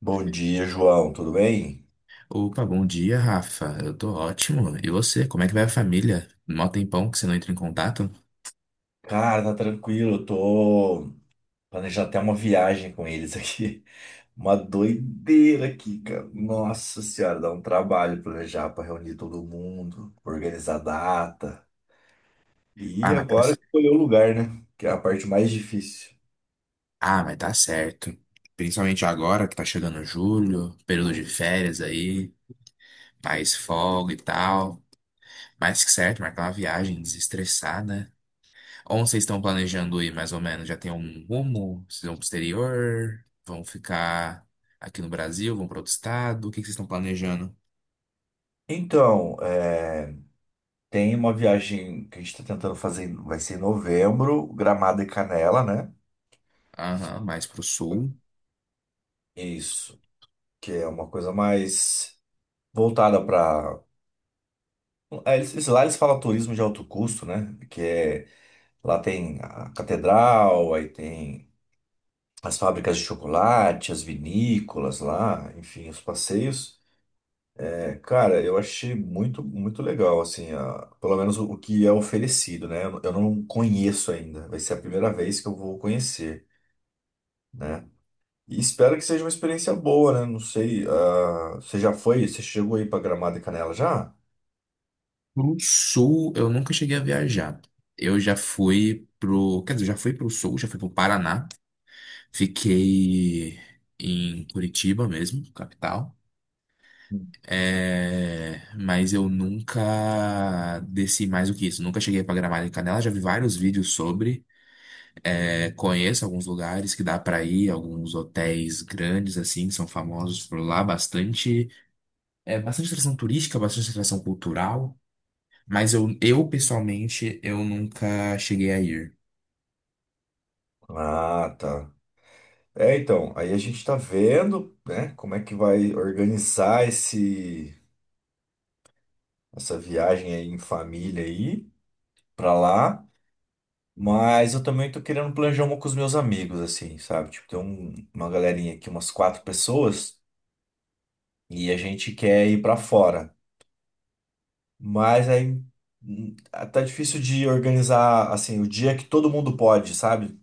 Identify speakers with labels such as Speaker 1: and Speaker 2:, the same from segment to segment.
Speaker 1: Bom dia, João. Tudo bem?
Speaker 2: Opa, bom dia, Rafa. Eu tô ótimo. E você, como é que vai a família? Mó tempão que você não entra em contato?
Speaker 1: Cara, tá tranquilo. Eu tô planejando até uma viagem com eles aqui. Uma doideira aqui, cara. Nossa senhora, dá um trabalho planejar pra reunir todo mundo, organizar data. E
Speaker 2: Ah, mas tá,
Speaker 1: agora escolher o lugar, né? Que é a parte mais difícil.
Speaker 2: ah, mas tá certo. Principalmente agora que tá chegando julho, período de férias aí, mais folga e tal. Mais que certo, marcar uma viagem, desestressar, né? Onde vocês estão planejando ir, mais ou menos? Já tem um rumo? Vocês vão pro exterior? Vão ficar aqui no Brasil? Vão para outro estado? O que que vocês estão planejando?
Speaker 1: Então, é, Tem uma viagem que a gente tá tentando fazer, vai ser em novembro, Gramado e Canela, né?
Speaker 2: Aham, mais pro sul.
Speaker 1: Isso, que é uma coisa mais voltada para. Ah, eles, lá eles falam turismo de alto custo, né? Lá tem a catedral, aí tem as fábricas de chocolate, as vinícolas lá, enfim, os passeios. É, cara, eu achei muito legal, assim, pelo menos o que é oferecido, né? Eu não conheço ainda, vai ser a primeira vez que eu vou conhecer, né? E espero que seja uma experiência boa, né? Não sei, ah, você já foi? Você chegou aí pra Gramado e Canela já?
Speaker 2: O Sul, eu nunca cheguei a viajar. Eu já fui pro, quer dizer, já fui pro Sul, já fui pro Paraná. Fiquei em Curitiba mesmo, capital.
Speaker 1: Hum.
Speaker 2: É, mas eu nunca desci mais do que isso. Nunca cheguei para Gramado e Canela. Já vi vários vídeos sobre. É, conheço alguns lugares que dá para ir, alguns hotéis grandes assim, que são famosos por lá, bastante, bastante atração turística, bastante atração cultural. Mas eu pessoalmente, eu nunca cheguei a ir.
Speaker 1: Ah, tá. É, então, aí a gente tá vendo, né, como é que vai organizar essa viagem aí em família aí pra lá. Mas eu também tô querendo planejar uma com os meus amigos, assim, sabe? Tipo, tem uma galerinha aqui, umas quatro pessoas, e a gente quer ir pra fora. Mas aí tá difícil de organizar, assim, o dia que todo mundo pode, sabe?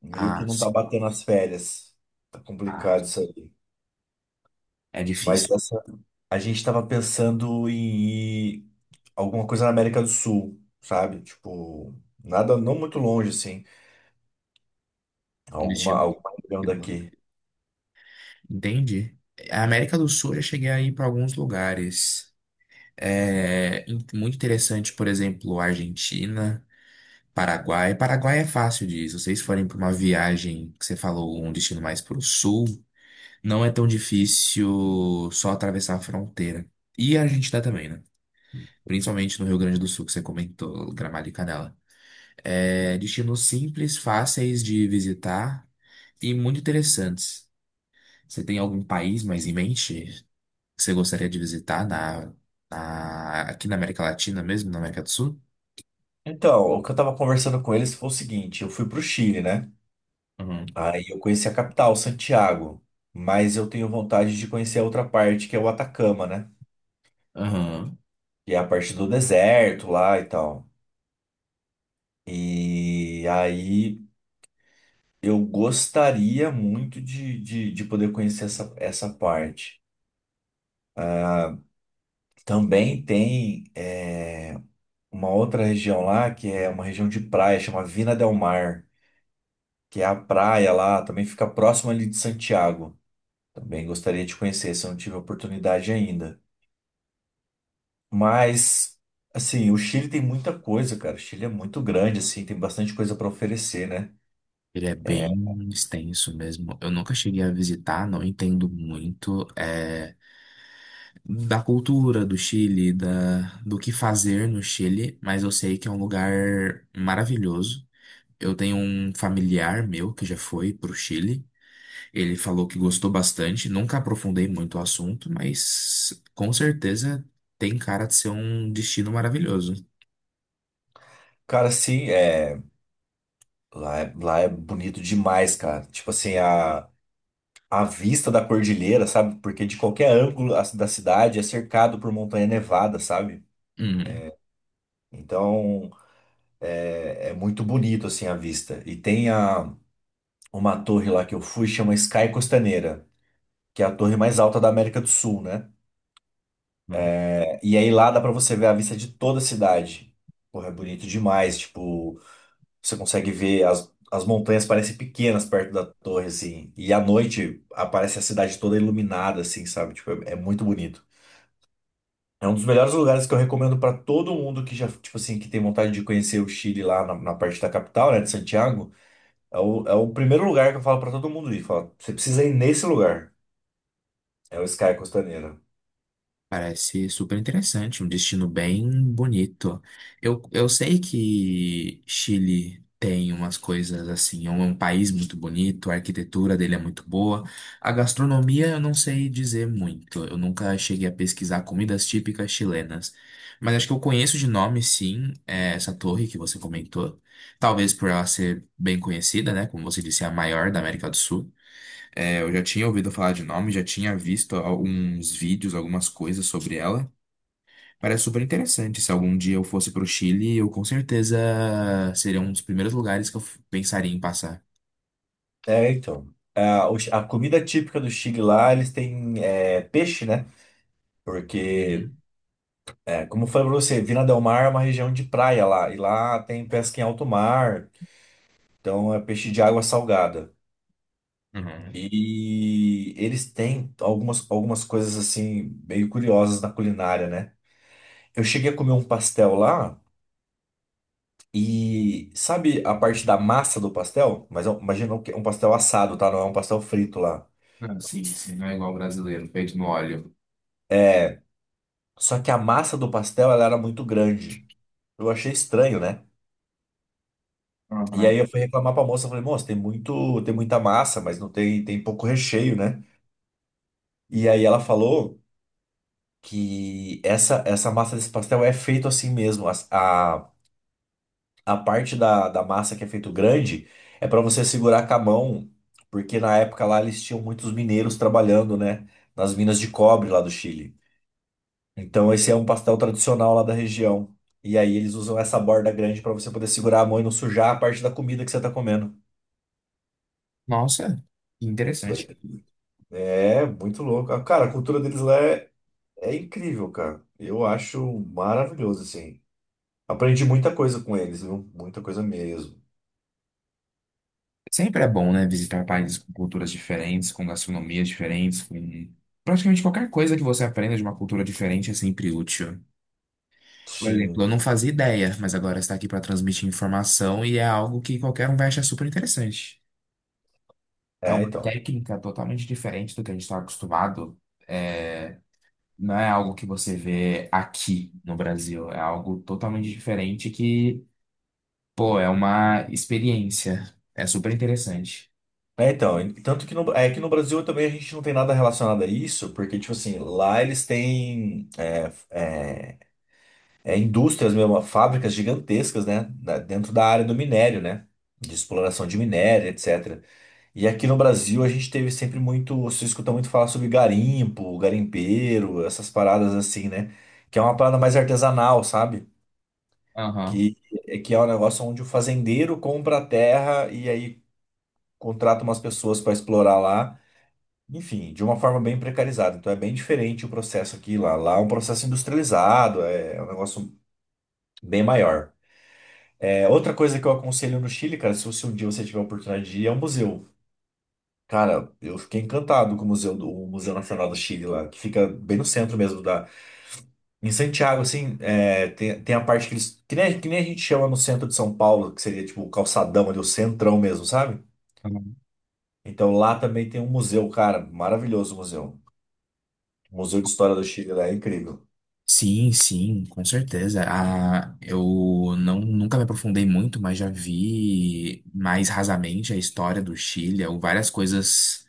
Speaker 1: Meio
Speaker 2: Ah,
Speaker 1: que não tá
Speaker 2: sim.
Speaker 1: batendo as férias. Tá
Speaker 2: Ah,
Speaker 1: complicado isso aí.
Speaker 2: é
Speaker 1: Mas
Speaker 2: difícil.
Speaker 1: essa. A gente estava pensando em alguma coisa na América do Sul, sabe? Tipo, nada não muito longe, assim.
Speaker 2: Um
Speaker 1: Alguma,
Speaker 2: destino
Speaker 1: alguma região
Speaker 2: aqui do lado.
Speaker 1: daqui.
Speaker 2: Entendi. A América do Sul eu já cheguei a ir para alguns lugares. É muito interessante, por exemplo, Argentina, Paraguai. Paraguai é fácil de ir. Se vocês forem para uma viagem que você falou, um destino mais para o sul, não é tão difícil só atravessar a fronteira. E a Argentina também, né? Principalmente no Rio Grande do Sul, que você comentou, Gramado e Canela. É, destinos simples, fáceis de visitar e muito interessantes. Você tem algum país mais em mente que você gostaria de visitar aqui na América Latina mesmo, na América do Sul?
Speaker 1: Então, o que eu tava conversando com eles foi o seguinte: eu fui pro Chile, né?
Speaker 2: Uhum.
Speaker 1: Aí eu conheci a capital, Santiago. Mas eu tenho vontade de conhecer a outra parte, que é o Atacama, né?
Speaker 2: Aham.
Speaker 1: Que é a parte do deserto lá e tal. E aí eu gostaria muito de poder conhecer essa parte. Também tem. Uma outra região lá, que é uma região de praia, chama Vina del Mar, que é a praia lá, também fica próximo ali de Santiago. Também gostaria de conhecer, se eu não tive a oportunidade ainda. Mas, assim, o Chile tem muita coisa, cara. O Chile é muito grande, assim, tem bastante coisa para oferecer, né?
Speaker 2: Ele é
Speaker 1: É,
Speaker 2: bem extenso mesmo. Eu nunca cheguei a visitar, não entendo muito da cultura do Chile, do que fazer no Chile, mas eu sei que é um lugar maravilhoso. Eu tenho um familiar meu que já foi pro Chile. Ele falou que gostou bastante, nunca aprofundei muito o assunto, mas com certeza tem cara de ser um destino maravilhoso.
Speaker 1: Cara, assim, lá, lá é bonito demais, cara. Tipo assim, a vista da cordilheira, sabe? Porque de qualquer ângulo da cidade é cercado por montanha nevada, sabe?
Speaker 2: Hum.
Speaker 1: Então, é muito bonito assim a vista. E tem uma torre lá que eu fui, chama Sky Costaneira, que é a torre mais alta da América do Sul, né? E aí lá dá pra você ver a vista de toda a cidade. Porra, é bonito demais. Tipo, você consegue ver as montanhas parecem pequenas perto da torre, assim. E à noite aparece a cidade toda iluminada, assim, sabe? Tipo, é muito bonito. É um dos melhores lugares que eu recomendo pra todo mundo que já, tipo assim, que tem vontade de conhecer o Chile lá na parte da capital, né, de Santiago. É é o primeiro lugar que eu falo pra todo mundo ir. Falo, você precisa ir nesse lugar. É o Sky Costaneira.
Speaker 2: Parece super interessante, um destino bem bonito. Eu sei que Chile tem umas coisas assim, é é um país muito bonito, a arquitetura dele é muito boa. A gastronomia eu não sei dizer muito, eu nunca cheguei a pesquisar comidas típicas chilenas. Mas acho que eu conheço de nome, sim, é, essa torre que você comentou. Talvez por ela ser bem conhecida, né? Como você disse, é a maior da América do Sul. É, eu já tinha ouvido falar de nome, já tinha visto alguns vídeos, algumas coisas sobre ela. Parece super interessante. Se algum dia eu fosse pro Chile, eu com certeza seria um dos primeiros lugares que pensaria em passar.
Speaker 1: É, então. O a comida típica do Chile lá, eles têm peixe, né? Porque,
Speaker 2: Uhum.
Speaker 1: é, como eu falei pra você, Vina del Mar é uma região de praia lá. E lá tem pesca em alto mar. Então é peixe de água salgada.
Speaker 2: Uhum.
Speaker 1: E eles têm algumas coisas assim, meio curiosas na culinária, né? Eu cheguei a comer um pastel lá. E sabe a parte da massa do pastel? Mas ó, imagina um que é um pastel assado, tá? Não é um pastel frito lá.
Speaker 2: Ah, sim, sim, não é igual brasileiro, feito no óleo.
Speaker 1: É, só que a massa do pastel ela era muito grande. Eu achei estranho, né? E aí
Speaker 2: Uhum.
Speaker 1: eu fui reclamar pra moça, eu falei, moça, tem muita massa, mas não tem, tem pouco recheio, né? E aí ela falou que essa massa desse pastel é feito assim mesmo. A parte da massa que é feito grande é para você segurar com a mão, porque na época lá eles tinham muitos mineiros trabalhando, né, nas minas de cobre lá do Chile. Então esse é um pastel tradicional lá da região. E aí eles usam essa borda grande para você poder segurar a mão e não sujar a parte da comida que você tá comendo.
Speaker 2: Nossa, que interessante.
Speaker 1: Doido. É muito louco. Ah, cara, a cultura deles lá é incrível, cara. Eu acho maravilhoso, assim. Aprendi muita coisa com eles, viu? Muita coisa mesmo.
Speaker 2: Sempre é bom, né, visitar países com culturas diferentes, com gastronomias diferentes, com praticamente qualquer coisa que você aprenda de uma cultura diferente é sempre útil. Por exemplo, eu
Speaker 1: Sim.
Speaker 2: não fazia ideia, mas agora está aqui para transmitir informação e é algo que qualquer um vai achar super interessante. É
Speaker 1: É,
Speaker 2: uma
Speaker 1: então.
Speaker 2: técnica totalmente diferente do que a gente está acostumado. É, não é algo que você vê aqui no Brasil, é algo totalmente diferente que, pô, é uma experiência. É super interessante.
Speaker 1: É, então, tanto que é que no Brasil também a gente não tem nada relacionado a isso, porque, tipo assim, lá eles têm indústrias mesmo, fábricas gigantescas, né? Dentro da área do minério, né? De exploração de minério, etc. E aqui no Brasil a gente teve sempre muito, se escuta muito falar sobre garimpo, garimpeiro, essas paradas assim, né? Que é uma parada mais artesanal, sabe?
Speaker 2: Aham.
Speaker 1: Que, É que é um negócio onde o fazendeiro compra a terra e aí contrata umas pessoas para explorar lá. Enfim, de uma forma bem precarizada. Então é bem diferente o processo aqui e lá. Lá é um processo industrializado, é um negócio bem maior. É, outra coisa que eu aconselho no Chile, cara, se você um dia você tiver a oportunidade de ir, é o museu. Cara, eu fiquei encantado com o museu, o Museu Nacional do Chile lá, que fica bem no centro mesmo da. Em Santiago, assim, é, tem a parte que eles. Que nem a gente chama no centro de São Paulo, que seria tipo o calçadão ali, o centrão mesmo, sabe? Então lá também tem um museu, cara, maravilhoso o museu. O Museu de História do Chile lá é incrível.
Speaker 2: Sim, sim, com certeza. Ah, eu Não, nunca me aprofundei muito, mas já vi mais rasamente a história do Chile, ou várias coisas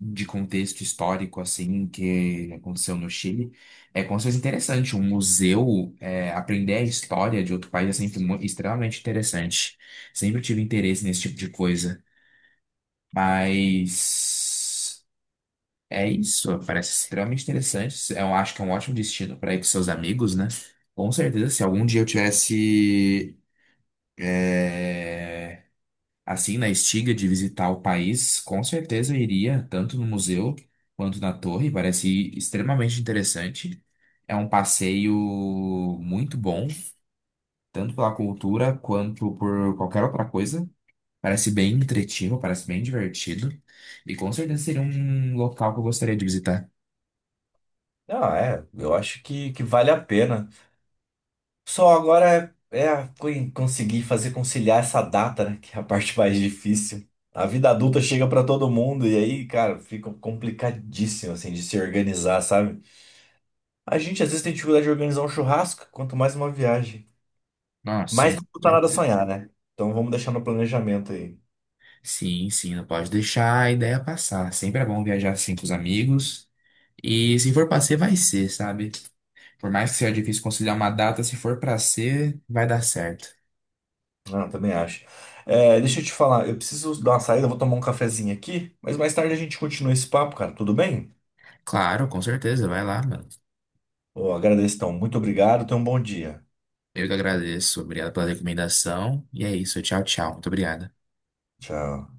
Speaker 2: de contexto histórico, assim, que aconteceu no Chile. É como se fosse interessante. Um museu, é, aprender a história de outro país é sempre extremamente interessante. Sempre tive interesse nesse tipo de coisa. Mas é isso, parece extremamente interessante. Eu acho que é um ótimo destino para ir com seus amigos, né? Com certeza, se algum dia eu tivesse é, assim na estiga de visitar o país, com certeza eu iria tanto no museu quanto na torre. Parece extremamente interessante. É um passeio muito bom, tanto pela cultura quanto por qualquer outra coisa. Parece bem entretido, parece bem divertido e com certeza seria um local que eu gostaria de visitar.
Speaker 1: Não, é, eu acho que vale a pena. Só agora co- conseguir fazer conciliar essa data, né? Que é a parte mais difícil. A vida adulta chega pra todo mundo e aí, cara, fica complicadíssimo, assim, de se organizar, sabe? A gente às vezes tem dificuldade de organizar um churrasco, quanto mais uma viagem.
Speaker 2: Ah,
Speaker 1: Mas
Speaker 2: sim,
Speaker 1: não custa nada
Speaker 2: certeza.
Speaker 1: sonhar, né? Então vamos deixar no planejamento aí.
Speaker 2: Sim, sim, não pode deixar a ideia passar. Sempre é bom viajar assim com os amigos. E se for pra ser, vai ser, sabe? Por mais que seja difícil conciliar uma data, se for pra ser, vai dar certo.
Speaker 1: Não, também acho. É, deixa eu te falar, eu preciso dar uma saída, eu vou tomar um cafezinho aqui, mas mais tarde a gente continua esse papo, cara, tudo bem?
Speaker 2: Claro, com certeza, vai lá, mano.
Speaker 1: Eu agradeço, então. Muito obrigado. Tenha um bom dia.
Speaker 2: Eu que agradeço. Obrigado pela recomendação. E é isso, tchau, tchau. Muito obrigado.
Speaker 1: Tchau.